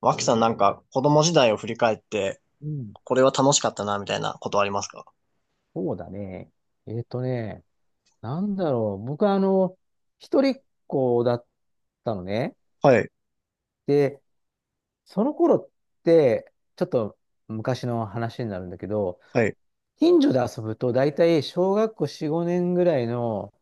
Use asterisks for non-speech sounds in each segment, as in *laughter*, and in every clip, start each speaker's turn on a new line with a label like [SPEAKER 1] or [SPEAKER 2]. [SPEAKER 1] 脇さんなんか子供時代を振り返って、
[SPEAKER 2] うん。
[SPEAKER 1] これは楽しかったな、みたいなことありますか？
[SPEAKER 2] そうだね。えっとね、なんだろう。僕は一人っ子だったのね。
[SPEAKER 1] はい、
[SPEAKER 2] で、その頃って、ちょっと昔の話になるんだけど、
[SPEAKER 1] はい。
[SPEAKER 2] 近所で遊ぶと大体小学校4、5年ぐらいの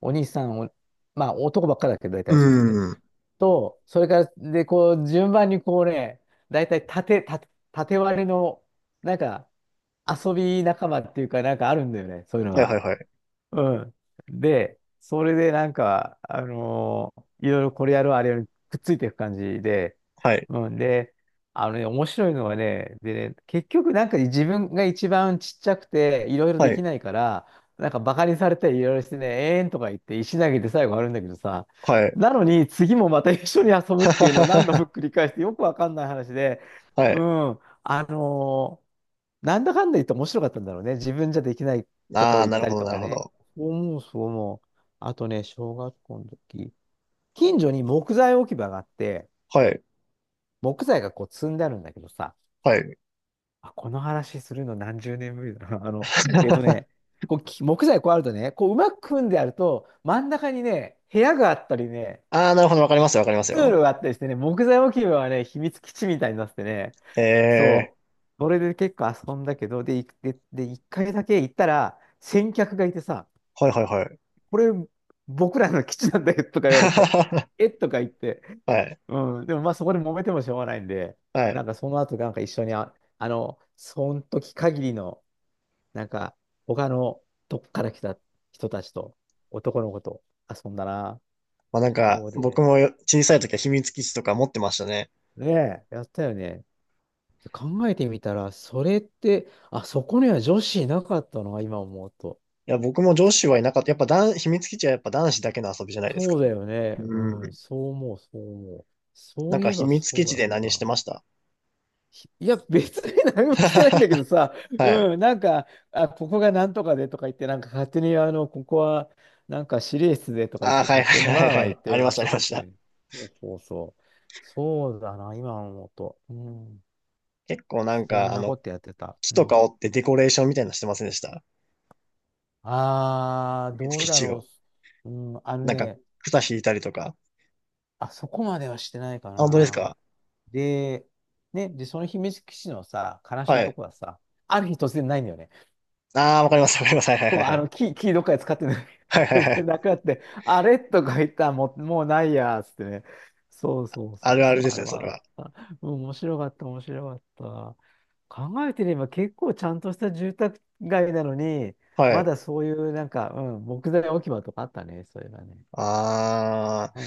[SPEAKER 2] お兄さんを、まあ男ばっかだけど大
[SPEAKER 1] う
[SPEAKER 2] 体そうできて。
[SPEAKER 1] ーん。
[SPEAKER 2] と、それから、で、こう、順番にこうね、大体縦割りの、なんか、遊び仲間っていうか、なんかあるんだよね。そういうの
[SPEAKER 1] はい、は
[SPEAKER 2] が。
[SPEAKER 1] い、はい。
[SPEAKER 2] うん。で、それでなんか、いろいろこれやるあれやるくっついていく感じで、
[SPEAKER 1] はい、
[SPEAKER 2] うん。で、あのね、面白いのはね、でね、結局なんか自分が一番ちっちゃくて、いろいろで
[SPEAKER 1] は
[SPEAKER 2] き
[SPEAKER 1] い、
[SPEAKER 2] ないから、なんかバカにされたりいろいろしてね、えーんとか言って石投げて最後あるんだけどさ、
[SPEAKER 1] はい。
[SPEAKER 2] なのに次もまた一緒に遊ぶっていうのを何度
[SPEAKER 1] *laughs*
[SPEAKER 2] も繰り返してよくわかんない話で、
[SPEAKER 1] は
[SPEAKER 2] う
[SPEAKER 1] い。
[SPEAKER 2] ん。なんだかんだ言って面白かったんだろうね。自分じゃできないと
[SPEAKER 1] あ
[SPEAKER 2] こ
[SPEAKER 1] あ、
[SPEAKER 2] 行っ
[SPEAKER 1] なる
[SPEAKER 2] た
[SPEAKER 1] ほ
[SPEAKER 2] り
[SPEAKER 1] ど、
[SPEAKER 2] と
[SPEAKER 1] な
[SPEAKER 2] か
[SPEAKER 1] るほ
[SPEAKER 2] ね。
[SPEAKER 1] ど。
[SPEAKER 2] そう思う、そう思う。あとね、小学校の時、近所に木材置き場があって、
[SPEAKER 1] はい、
[SPEAKER 2] 木材がこう積んであるんだけどさ、
[SPEAKER 1] はい。
[SPEAKER 2] あ、この話するの何十年ぶりだな。*laughs* えっとね、こうき木材こうあるとね、こううまく組んであると、真ん中にね、部屋があったりね、
[SPEAKER 1] ああ、なるほど、わかりますよ、わかります
[SPEAKER 2] 通
[SPEAKER 1] よ。
[SPEAKER 2] 路があったりしてね、木材置き場はね、秘密基地みたいになっててね、
[SPEAKER 1] ええ
[SPEAKER 2] そう、それで結構遊んだけど、で、いで、で、一回だけ行ったら、先客がいてさ、
[SPEAKER 1] ー、はい、はい、はい。
[SPEAKER 2] これ、僕らの基地なんだよとか言われて、
[SPEAKER 1] *laughs*
[SPEAKER 2] えとか言って、
[SPEAKER 1] はい、
[SPEAKER 2] うん、でもまあそこで揉めてもしょうがないんで、
[SPEAKER 1] はい。
[SPEAKER 2] なんかその後なんか一緒にその時限りの、なんか他のどっから来た人たちと、男の子と遊んだな。
[SPEAKER 1] まあなんか、
[SPEAKER 2] そう
[SPEAKER 1] 僕
[SPEAKER 2] で、
[SPEAKER 1] も小さい時は秘密基地とか持ってましたね。
[SPEAKER 2] ねえ、やったよね。で考えてみたら、それって、あ、そこには女子いなかったのが今思うと。
[SPEAKER 1] いや、僕も上司はいなかった。やっぱ男、秘密基地はやっぱ男子だけの遊びじゃないです
[SPEAKER 2] そ
[SPEAKER 1] か。
[SPEAKER 2] うだよね。う
[SPEAKER 1] う
[SPEAKER 2] ん、
[SPEAKER 1] ん。
[SPEAKER 2] そう思う、そう思う。そ
[SPEAKER 1] なん
[SPEAKER 2] うい
[SPEAKER 1] か
[SPEAKER 2] え
[SPEAKER 1] 秘
[SPEAKER 2] ば
[SPEAKER 1] 密基
[SPEAKER 2] そう
[SPEAKER 1] 地
[SPEAKER 2] だっ
[SPEAKER 1] で何して
[SPEAKER 2] た。
[SPEAKER 1] ました？
[SPEAKER 2] いや、別に何もしてないんだけどさ、
[SPEAKER 1] *laughs* はい。
[SPEAKER 2] うん、なんか、あ、ここがなんとかでとか言って、なんか勝手に、あの、ここは、なんか指令室でとか言っ
[SPEAKER 1] ああ、
[SPEAKER 2] て、
[SPEAKER 1] はい
[SPEAKER 2] 勝手
[SPEAKER 1] は
[SPEAKER 2] に
[SPEAKER 1] いは
[SPEAKER 2] わ
[SPEAKER 1] い
[SPEAKER 2] ーわー
[SPEAKER 1] は
[SPEAKER 2] 言っ
[SPEAKER 1] い。
[SPEAKER 2] て
[SPEAKER 1] ありました、あ
[SPEAKER 2] 遊
[SPEAKER 1] りま
[SPEAKER 2] ぶっ
[SPEAKER 1] し
[SPEAKER 2] てい
[SPEAKER 1] た。
[SPEAKER 2] う。そうそうそう。そうだな、今思うと。うん。
[SPEAKER 1] 結構なん
[SPEAKER 2] そ
[SPEAKER 1] か、
[SPEAKER 2] ん
[SPEAKER 1] あ
[SPEAKER 2] なこ
[SPEAKER 1] の、
[SPEAKER 2] とやってた。
[SPEAKER 1] 木
[SPEAKER 2] う
[SPEAKER 1] とか
[SPEAKER 2] ん。
[SPEAKER 1] 折ってデコレーションみたいなのしてませんでした？
[SPEAKER 2] ああ、
[SPEAKER 1] 秘
[SPEAKER 2] どう
[SPEAKER 1] 密
[SPEAKER 2] だ
[SPEAKER 1] 地
[SPEAKER 2] ろ
[SPEAKER 1] を。
[SPEAKER 2] う。うん、あの
[SPEAKER 1] なんか、
[SPEAKER 2] ね、
[SPEAKER 1] 草引いたりとか。
[SPEAKER 2] あそこまではしてないか
[SPEAKER 1] あ、本当です
[SPEAKER 2] な。
[SPEAKER 1] か？
[SPEAKER 2] で、ね、で、その秘密基地のさ、悲し
[SPEAKER 1] は
[SPEAKER 2] いと
[SPEAKER 1] い。
[SPEAKER 2] こはさ、ある日突然ないんだよね。
[SPEAKER 1] ああ、わかります、わかります。はいはいは
[SPEAKER 2] そう、
[SPEAKER 1] いは
[SPEAKER 2] あ
[SPEAKER 1] い。
[SPEAKER 2] の、キーどっかで使ってない。
[SPEAKER 1] はいはいは
[SPEAKER 2] *laughs*
[SPEAKER 1] い。
[SPEAKER 2] なくなって、あれとか言ったらもうないや、つってね。そうそうそ
[SPEAKER 1] ある
[SPEAKER 2] う
[SPEAKER 1] あ
[SPEAKER 2] そ
[SPEAKER 1] る
[SPEAKER 2] う、
[SPEAKER 1] で
[SPEAKER 2] あ
[SPEAKER 1] す
[SPEAKER 2] れ
[SPEAKER 1] ね、そ
[SPEAKER 2] は
[SPEAKER 1] れ
[SPEAKER 2] あっ
[SPEAKER 1] は。
[SPEAKER 2] た。うん、面白かった、面白かった。考えてみれば結構ちゃんとした住宅街なのに、
[SPEAKER 1] は
[SPEAKER 2] ま
[SPEAKER 1] い。
[SPEAKER 2] だそういうなんか、うん、木材置き場とかあったね、そういえばね。
[SPEAKER 1] ああ、
[SPEAKER 2] う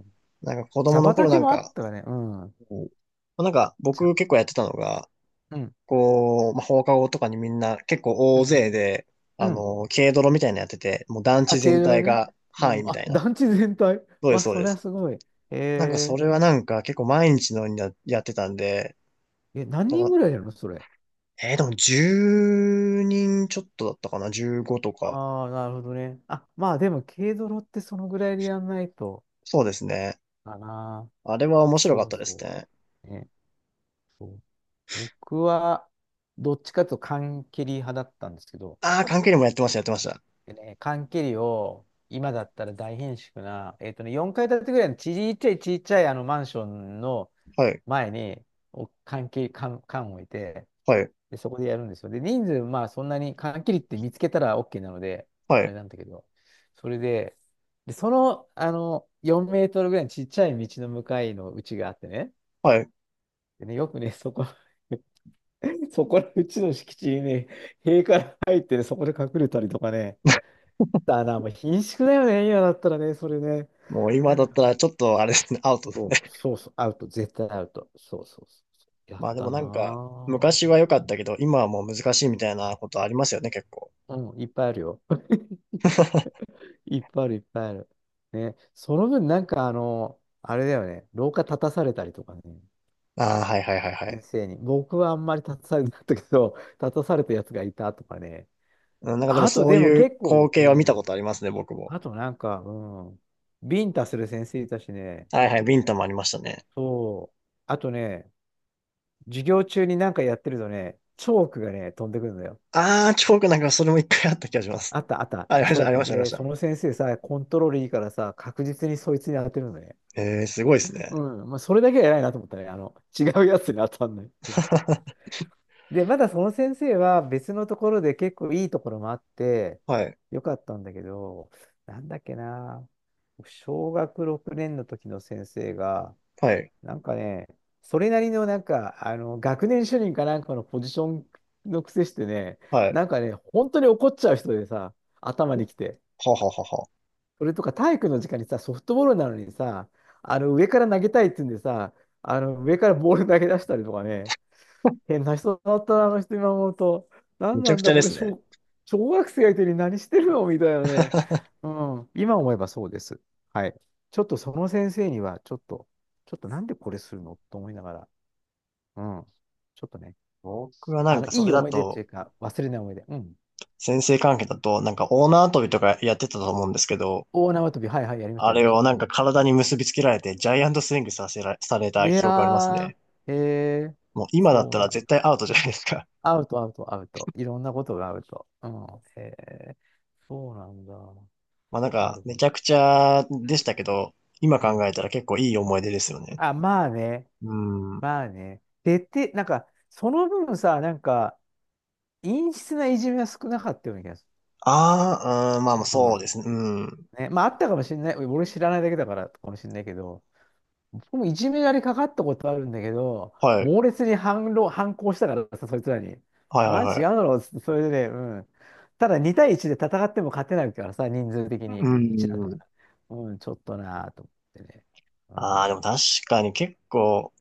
[SPEAKER 2] ん。
[SPEAKER 1] なんか子
[SPEAKER 2] 茶
[SPEAKER 1] 供の頃
[SPEAKER 2] 畑
[SPEAKER 1] なん
[SPEAKER 2] もあっ
[SPEAKER 1] か、
[SPEAKER 2] たわね。うん。
[SPEAKER 1] こうなんか
[SPEAKER 2] 茶。
[SPEAKER 1] 僕結構やってたのが、
[SPEAKER 2] うん。
[SPEAKER 1] こう、まあ、放課後とかにみんな結構
[SPEAKER 2] う
[SPEAKER 1] 大
[SPEAKER 2] ん。
[SPEAKER 1] 勢で、
[SPEAKER 2] う
[SPEAKER 1] あ
[SPEAKER 2] ん。
[SPEAKER 1] の、軽泥みたいなのやってて、もう団地
[SPEAKER 2] あ、軽
[SPEAKER 1] 全
[SPEAKER 2] 泥
[SPEAKER 1] 体
[SPEAKER 2] ね。
[SPEAKER 1] が
[SPEAKER 2] う
[SPEAKER 1] 範囲
[SPEAKER 2] ん。
[SPEAKER 1] みた
[SPEAKER 2] あ、
[SPEAKER 1] いな。
[SPEAKER 2] 団地全体。*laughs*
[SPEAKER 1] そうです、
[SPEAKER 2] わ、
[SPEAKER 1] そう
[SPEAKER 2] そ
[SPEAKER 1] で
[SPEAKER 2] りゃ
[SPEAKER 1] す。
[SPEAKER 2] すごい。
[SPEAKER 1] なんかそ
[SPEAKER 2] へ
[SPEAKER 1] れはなんか結構毎日のようにやってたんで、
[SPEAKER 2] ええ、何
[SPEAKER 1] な
[SPEAKER 2] 人
[SPEAKER 1] んか、
[SPEAKER 2] ぐらいやるのそれ。
[SPEAKER 1] えーでも10人ちょっとだったかな？ 15 とか。
[SPEAKER 2] ああ、なるほどね。あ、まあでも、軽泥ってそのぐらいでやんないと、
[SPEAKER 1] そうですね。
[SPEAKER 2] かな。
[SPEAKER 1] あれは面白か
[SPEAKER 2] そ
[SPEAKER 1] っ
[SPEAKER 2] う
[SPEAKER 1] たです
[SPEAKER 2] そ
[SPEAKER 1] ね。
[SPEAKER 2] う。ね。そう。僕は、どっちかというと缶蹴り派だったんですけど、
[SPEAKER 1] ああ、関係にもやってました、やってました。
[SPEAKER 2] でね、缶切りを、今だったら大変縮な、4階建てぐらいのちっちゃいちっちゃいあのマンションの
[SPEAKER 1] はい、
[SPEAKER 2] 前に、お缶切り、缶、缶を置いて、
[SPEAKER 1] はい、
[SPEAKER 2] で、そこでやるんですよ。で、人数、まあそんなに缶切りって見つけたら OK なので、
[SPEAKER 1] は
[SPEAKER 2] あれ
[SPEAKER 1] い、
[SPEAKER 2] なんだけど、それで、で、その、あの、4メートルぐらいのちっちゃい道の向かいの家があってね、
[SPEAKER 1] はい。
[SPEAKER 2] でね、よくね、そこ、*laughs* そこのうちの敷地にね、塀から入ってね、そこで隠れたりとかね、だな、もう貧縮だよね、今だったらね、それね。
[SPEAKER 1] もう今だったらちょっとあれですね、*laughs* アウトですね。
[SPEAKER 2] そう、そうそう、アウト、絶対アウト。そうそうそう。
[SPEAKER 1] *laughs*
[SPEAKER 2] やっ
[SPEAKER 1] まあでも
[SPEAKER 2] たな
[SPEAKER 1] なんか、昔は
[SPEAKER 2] ぁ。
[SPEAKER 1] 良かったけど、今はもう難しいみたいなことありますよね、結構。
[SPEAKER 2] うん、いっぱいあるよ。*laughs* いっぱいある、いっぱいある。ね、その分、なんかあの、あれだよね、廊下立たされたりとかね、
[SPEAKER 1] ああ、はいはいはいは
[SPEAKER 2] 先
[SPEAKER 1] い。
[SPEAKER 2] 生に。僕はあんまり立たされなかったけど、*laughs* 立たされたやつがいたとかね。
[SPEAKER 1] うん、なんかでも
[SPEAKER 2] あと、
[SPEAKER 1] そう
[SPEAKER 2] でも
[SPEAKER 1] いう
[SPEAKER 2] 結
[SPEAKER 1] 光
[SPEAKER 2] 構、
[SPEAKER 1] 景は見
[SPEAKER 2] う
[SPEAKER 1] たこ
[SPEAKER 2] ん。
[SPEAKER 1] とありますね、僕も。
[SPEAKER 2] あとなんか、うん。ビンタする先生いたしね、
[SPEAKER 1] はいはい、ビンタもありましたね。
[SPEAKER 2] そう。あとね、授業中になんかやってるとね、チョークがね、飛んでくるのよ。
[SPEAKER 1] ああ、なんかそれも一回あった気がします。
[SPEAKER 2] あったあった、
[SPEAKER 1] あ、ありま
[SPEAKER 2] チ
[SPEAKER 1] し
[SPEAKER 2] ョ
[SPEAKER 1] た、
[SPEAKER 2] ー
[SPEAKER 1] あり
[SPEAKER 2] ク
[SPEAKER 1] ました、ありまし
[SPEAKER 2] で、その
[SPEAKER 1] た。
[SPEAKER 2] 先生さ、コントロールいいからさ、確実にそいつに当てるのね。
[SPEAKER 1] ええー、すごいですね。
[SPEAKER 2] うん、まあ、それだけは偉いなと思ったね。あの、違うやつに当たんないっていう
[SPEAKER 1] *laughs*
[SPEAKER 2] で、まだその先生は別のところで結構いいところもあって、
[SPEAKER 1] はい、
[SPEAKER 2] よかったんだけど、なんだっけな、小学6年の時の先生が、
[SPEAKER 1] はい、
[SPEAKER 2] なんかね、それなりのなんか、あの、学年主任かなんかのポジションの癖してね、
[SPEAKER 1] はい。
[SPEAKER 2] なんかね、本当に怒っちゃう人でさ、頭にきて。
[SPEAKER 1] はははは。
[SPEAKER 2] それとか体育の時間にさ、ソフトボールなのにさ、あの、上から投げたいって言うんでさ、あの、上からボール投げ出したりとかね、変な人だったな、あの人今思うと。な
[SPEAKER 1] む
[SPEAKER 2] ん
[SPEAKER 1] ち
[SPEAKER 2] な
[SPEAKER 1] ゃ
[SPEAKER 2] ん
[SPEAKER 1] くち
[SPEAKER 2] だ、
[SPEAKER 1] ゃで
[SPEAKER 2] これ
[SPEAKER 1] すね。
[SPEAKER 2] 小、小学生相手に何してるのみたいなね。うん、今思えばそうです。はい。ちょっとその先生には、ちょっとなんでこれするのと思いながら、うん。ちょっとね、
[SPEAKER 1] 僕はな
[SPEAKER 2] あ
[SPEAKER 1] ん
[SPEAKER 2] の、
[SPEAKER 1] かそ
[SPEAKER 2] い
[SPEAKER 1] れ
[SPEAKER 2] い
[SPEAKER 1] だ
[SPEAKER 2] 思い出って
[SPEAKER 1] と、
[SPEAKER 2] いうか、忘れない思い出。うん。
[SPEAKER 1] 先生関係だと、なんかオーナー跳びとかやってたと思うんですけど、
[SPEAKER 2] 大縄跳び、はいはい、やりまし
[SPEAKER 1] あ
[SPEAKER 2] た、やり
[SPEAKER 1] れ
[SPEAKER 2] ました。
[SPEAKER 1] をなん
[SPEAKER 2] う
[SPEAKER 1] か
[SPEAKER 2] ん。
[SPEAKER 1] 体に結びつけられて、ジャイアントスイングさせら、され
[SPEAKER 2] い
[SPEAKER 1] た
[SPEAKER 2] や
[SPEAKER 1] 記憶あります
[SPEAKER 2] ー、
[SPEAKER 1] ね。
[SPEAKER 2] へえ、
[SPEAKER 1] もう今だっ
[SPEAKER 2] そう
[SPEAKER 1] た
[SPEAKER 2] なん
[SPEAKER 1] ら
[SPEAKER 2] だ。
[SPEAKER 1] 絶対アウトじゃないですか。
[SPEAKER 2] アウト、アウト、アウト。いろんなことがアウト。うん。へえ、そうなんだ。
[SPEAKER 1] *laughs* まあなん
[SPEAKER 2] な
[SPEAKER 1] か、
[SPEAKER 2] る
[SPEAKER 1] め
[SPEAKER 2] ほど。
[SPEAKER 1] ちゃくちゃ
[SPEAKER 2] う
[SPEAKER 1] でし
[SPEAKER 2] ん。
[SPEAKER 1] たけど、今
[SPEAKER 2] うん。
[SPEAKER 1] 考えたら結構いい思い出ですよね。
[SPEAKER 2] あ、まあね、
[SPEAKER 1] うん。
[SPEAKER 2] まあね。でて、なんか、その分さ、なんか、陰湿ないじめは少なかったような気がす
[SPEAKER 1] ああ、うん、まあまあ
[SPEAKER 2] る。う
[SPEAKER 1] そうで
[SPEAKER 2] ん。
[SPEAKER 1] すね。うん。
[SPEAKER 2] ね、まあ、あったかもしれない。俺知らないだけだからかもしれないけど、僕もいじめられかかったことあるんだけど、
[SPEAKER 1] はい。
[SPEAKER 2] 猛烈に反論、反抗したからさ、そいつらに。
[SPEAKER 1] はいはい
[SPEAKER 2] マ
[SPEAKER 1] は
[SPEAKER 2] ジ違う
[SPEAKER 1] い。
[SPEAKER 2] だろうっつって、それでね、うん。ただ2対1で戦っても勝てないからさ、人数的に
[SPEAKER 1] う
[SPEAKER 2] 1だったか
[SPEAKER 1] ん。
[SPEAKER 2] ら。うん、ちょっとなぁと思ってね。う
[SPEAKER 1] ああ、でも
[SPEAKER 2] ん。
[SPEAKER 1] 確かに結構、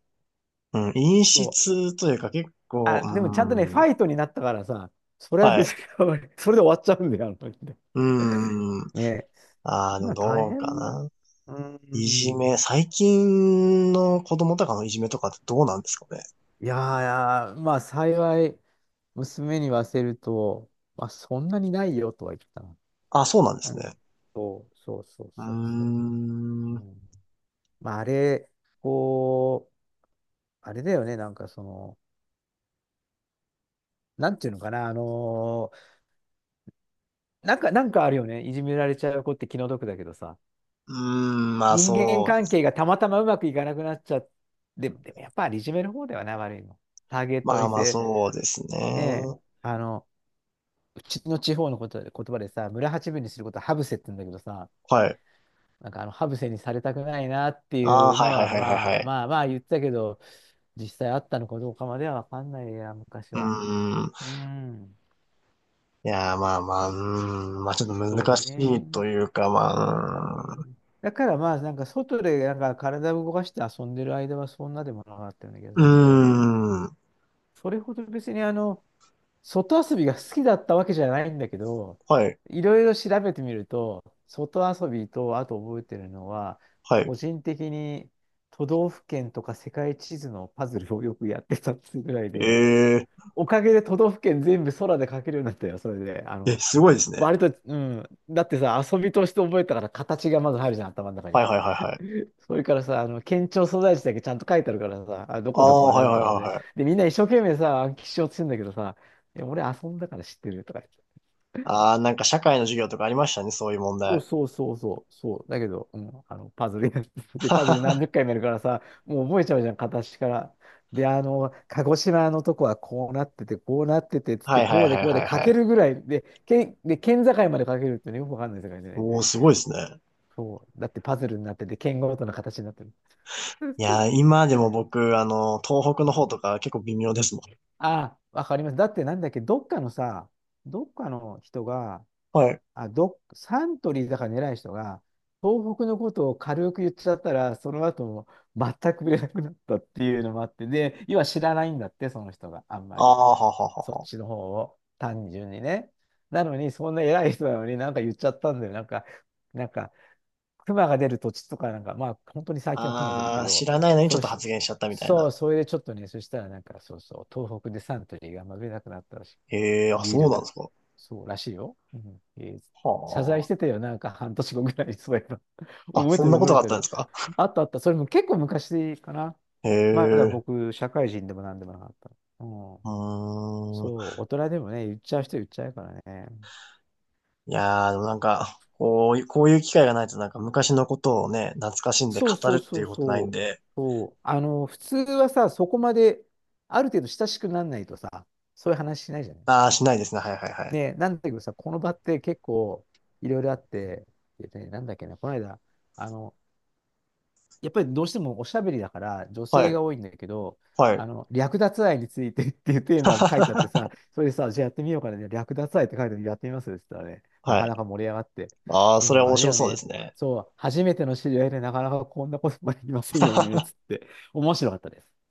[SPEAKER 1] うん、陰
[SPEAKER 2] そう。
[SPEAKER 1] 湿というか結構、
[SPEAKER 2] あ、でもちゃんとね、
[SPEAKER 1] う
[SPEAKER 2] フ
[SPEAKER 1] ん。
[SPEAKER 2] ァイトになったからさ、それは
[SPEAKER 1] は
[SPEAKER 2] 別に
[SPEAKER 1] い。
[SPEAKER 2] *laughs* それで終わっちゃうんだよ、あの時で。
[SPEAKER 1] うん。
[SPEAKER 2] ね。
[SPEAKER 1] ああ、でも
[SPEAKER 2] 今大
[SPEAKER 1] どうか
[SPEAKER 2] 変な。
[SPEAKER 1] な。
[SPEAKER 2] う
[SPEAKER 1] いじ
[SPEAKER 2] ん。
[SPEAKER 1] め、最近の子供とかのいじめとかってどうなんですかね？
[SPEAKER 2] いやー、まあ幸い、娘に言わせると、まあそんなにないよとは言ったな。
[SPEAKER 1] あ、そうなんで
[SPEAKER 2] う
[SPEAKER 1] す
[SPEAKER 2] ん。
[SPEAKER 1] ね。
[SPEAKER 2] そう、そう、そう、
[SPEAKER 1] うー
[SPEAKER 2] そう、そう。
[SPEAKER 1] ん。
[SPEAKER 2] う
[SPEAKER 1] う
[SPEAKER 2] ん、まああれ、こう、あれだよね、なんかその、なんていうのかな、なんか、なんかあるよね、いじめられちゃう子って気の毒だけどさ、
[SPEAKER 1] ーん、まあ
[SPEAKER 2] 人間
[SPEAKER 1] そう。
[SPEAKER 2] 関係がたまたまうまくいかなくなっちゃって、でも、でもやっぱりいじめる方ではない、悪いの。ターゲッ
[SPEAKER 1] ま
[SPEAKER 2] トに
[SPEAKER 1] あ
[SPEAKER 2] し
[SPEAKER 1] まあ
[SPEAKER 2] て。
[SPEAKER 1] そうですね。
[SPEAKER 2] ね、あの、うちの地方のこと言葉でさ、村八分にすることはハブセって言うんだけどさ、
[SPEAKER 1] はい。
[SPEAKER 2] なんかあのハブセにされたくないなって
[SPEAKER 1] ああ、
[SPEAKER 2] いう
[SPEAKER 1] は
[SPEAKER 2] の
[SPEAKER 1] いはい
[SPEAKER 2] は、
[SPEAKER 1] はいはい
[SPEAKER 2] ま
[SPEAKER 1] は
[SPEAKER 2] あ
[SPEAKER 1] い。
[SPEAKER 2] まあまあ言ってたけど、実際あったのかどうかまではわかんないや、昔
[SPEAKER 1] うー
[SPEAKER 2] は。
[SPEAKER 1] ん。
[SPEAKER 2] うん、
[SPEAKER 1] いやー、まあまあ、うーん、まあちょっと
[SPEAKER 2] そ
[SPEAKER 1] 難
[SPEAKER 2] う
[SPEAKER 1] しいと
[SPEAKER 2] ね。
[SPEAKER 1] いうか、
[SPEAKER 2] う
[SPEAKER 1] まあ、
[SPEAKER 2] んだからまあ、なんか外でなんか体を動かして遊んでる間はそんなでもなかったような気が
[SPEAKER 1] う
[SPEAKER 2] す
[SPEAKER 1] ー
[SPEAKER 2] るので、
[SPEAKER 1] ん、うーん、
[SPEAKER 2] それほど別に外遊びが好きだったわけじゃないんだけど、
[SPEAKER 1] はい、
[SPEAKER 2] いろいろ調べてみると、外遊びと、あと覚えてるのは、
[SPEAKER 1] はい。
[SPEAKER 2] 個人的に都道府県とか世界地図のパズルをよくやってたっていうぐらいで、
[SPEAKER 1] ええ
[SPEAKER 2] おかげで都道府県全部空で描けるようになったよ、それで。
[SPEAKER 1] え、すごいですね。
[SPEAKER 2] 割と、うん。だってさ、遊びとして覚えたから形がまず入るじゃん、頭の中
[SPEAKER 1] は
[SPEAKER 2] に。
[SPEAKER 1] いはいはいはい。
[SPEAKER 2] *laughs* それからさ、県庁所在地だけちゃんと書いてあるからさ、あ、ど
[SPEAKER 1] あ
[SPEAKER 2] こどこ
[SPEAKER 1] あ、
[SPEAKER 2] は
[SPEAKER 1] は
[SPEAKER 2] な
[SPEAKER 1] いは
[SPEAKER 2] ん
[SPEAKER 1] い
[SPEAKER 2] とかで、
[SPEAKER 1] は
[SPEAKER 2] ね
[SPEAKER 1] いはい。
[SPEAKER 2] で、みんな一生懸命さ、暗記しようとしてんだけどさ、いや俺遊んだから知ってるとか言って。
[SPEAKER 1] ああ、なんか社会の授業とかありましたね、そういう問
[SPEAKER 2] そう
[SPEAKER 1] 題。
[SPEAKER 2] そうそうそう、そう。だけど、うん、パズルやって、*laughs* で、パズル何
[SPEAKER 1] *laughs*
[SPEAKER 2] 十
[SPEAKER 1] は
[SPEAKER 2] 回もやるからさ、もう覚えちゃうじゃん、片足から。で、鹿児島のとこはこうなってて、こうなってて、つ
[SPEAKER 1] い
[SPEAKER 2] っ
[SPEAKER 1] は
[SPEAKER 2] て、
[SPEAKER 1] いは
[SPEAKER 2] こ
[SPEAKER 1] い
[SPEAKER 2] うで
[SPEAKER 1] は
[SPEAKER 2] こうで
[SPEAKER 1] い
[SPEAKER 2] 書
[SPEAKER 1] は
[SPEAKER 2] け
[SPEAKER 1] い。
[SPEAKER 2] るぐらいで、で、県境まで書けるってね、よくわかんない世界でね。
[SPEAKER 1] おー、すごいですね。
[SPEAKER 2] そう。だってパズルになってて、県ごとの形になってる。
[SPEAKER 1] いや
[SPEAKER 2] *laughs*
[SPEAKER 1] ー、今でも僕、あの、東北の方とか結構微妙ですもん。
[SPEAKER 2] あ、わかります。だってなんだっけ、どっかの人が、
[SPEAKER 1] はい。
[SPEAKER 2] サントリーだから偉い人が、東北のことを軽く言っちゃったら、その後も全く売れなくなったっていうのもあって、で、要は知らないんだって、その人があんま
[SPEAKER 1] ああ、
[SPEAKER 2] り。
[SPEAKER 1] ははは
[SPEAKER 2] そっ
[SPEAKER 1] は。
[SPEAKER 2] ちの方を、単純にね。なのに、そんな偉い人なのになんか言っちゃったんだよ。なんか、熊が出る土地とかなんか、まあ、本当に最近は熊出るけ
[SPEAKER 1] ああ、知
[SPEAKER 2] ど、
[SPEAKER 1] らないのにち
[SPEAKER 2] そ
[SPEAKER 1] ょっ
[SPEAKER 2] う
[SPEAKER 1] と
[SPEAKER 2] し、
[SPEAKER 1] 発言しちゃったみたい
[SPEAKER 2] そう、
[SPEAKER 1] な。
[SPEAKER 2] それでちょっとね、そしたらなんか、そうそう、東北でサントリーがあんま売れなくなったらしい。
[SPEAKER 1] ええ、あ、
[SPEAKER 2] ビー
[SPEAKER 1] そう
[SPEAKER 2] ル
[SPEAKER 1] なんで
[SPEAKER 2] が。
[SPEAKER 1] すか？
[SPEAKER 2] そうらしいよ。うん。謝罪し
[SPEAKER 1] は
[SPEAKER 2] てたよ、なんか半年後ぐらいにそういえば。*laughs*
[SPEAKER 1] あ。あ、
[SPEAKER 2] 覚え
[SPEAKER 1] そ
[SPEAKER 2] て
[SPEAKER 1] ん
[SPEAKER 2] る
[SPEAKER 1] なこ
[SPEAKER 2] 覚
[SPEAKER 1] と
[SPEAKER 2] え
[SPEAKER 1] があっ
[SPEAKER 2] て
[SPEAKER 1] たん
[SPEAKER 2] る。
[SPEAKER 1] ですか？
[SPEAKER 2] あったあった。それも結構昔かな。
[SPEAKER 1] へ
[SPEAKER 2] まだ
[SPEAKER 1] え、
[SPEAKER 2] 僕、社会人でもなんでもなかった。うん。
[SPEAKER 1] うーん。
[SPEAKER 2] そう、大人でもね、言っちゃう人言っちゃうからね。
[SPEAKER 1] いやー、でもなんか、こういう、こういう機会がないとなんか昔のことをね、懐かしんで
[SPEAKER 2] そう
[SPEAKER 1] 語
[SPEAKER 2] そ
[SPEAKER 1] るっ
[SPEAKER 2] う
[SPEAKER 1] て
[SPEAKER 2] そ
[SPEAKER 1] い
[SPEAKER 2] う
[SPEAKER 1] うことない
[SPEAKER 2] そ
[SPEAKER 1] ん
[SPEAKER 2] う。
[SPEAKER 1] で、
[SPEAKER 2] そう。普通はさ、そこまで、ある程度親しくならないとさ、そういう話しないじゃない。
[SPEAKER 1] あー、しないですね。はいはいはい。
[SPEAKER 2] ね、なんだけどさ、この場って結構いろいろあって、でね、なんだっけな、この間、あの、やっぱりどうしてもおしゃべりだから女
[SPEAKER 1] は
[SPEAKER 2] 性
[SPEAKER 1] い、
[SPEAKER 2] が多いんだけど、
[SPEAKER 1] はい。
[SPEAKER 2] 略奪愛についてっていうテーマも書いてあってさ、
[SPEAKER 1] *laughs*
[SPEAKER 2] それでさ、じゃあやってみようかな、ね、略奪愛って書いてあるやってみますって言ったらね、な
[SPEAKER 1] は
[SPEAKER 2] か
[SPEAKER 1] い。
[SPEAKER 2] なか盛り上がって。
[SPEAKER 1] あー、
[SPEAKER 2] で
[SPEAKER 1] それは
[SPEAKER 2] もあ
[SPEAKER 1] 面
[SPEAKER 2] れだ
[SPEAKER 1] 白
[SPEAKER 2] よ
[SPEAKER 1] そうで
[SPEAKER 2] ね、
[SPEAKER 1] すね。
[SPEAKER 2] そう、初めての知り合いでなかなかこんなこともできませんよね、つ
[SPEAKER 1] *laughs*
[SPEAKER 2] って、面白かったです。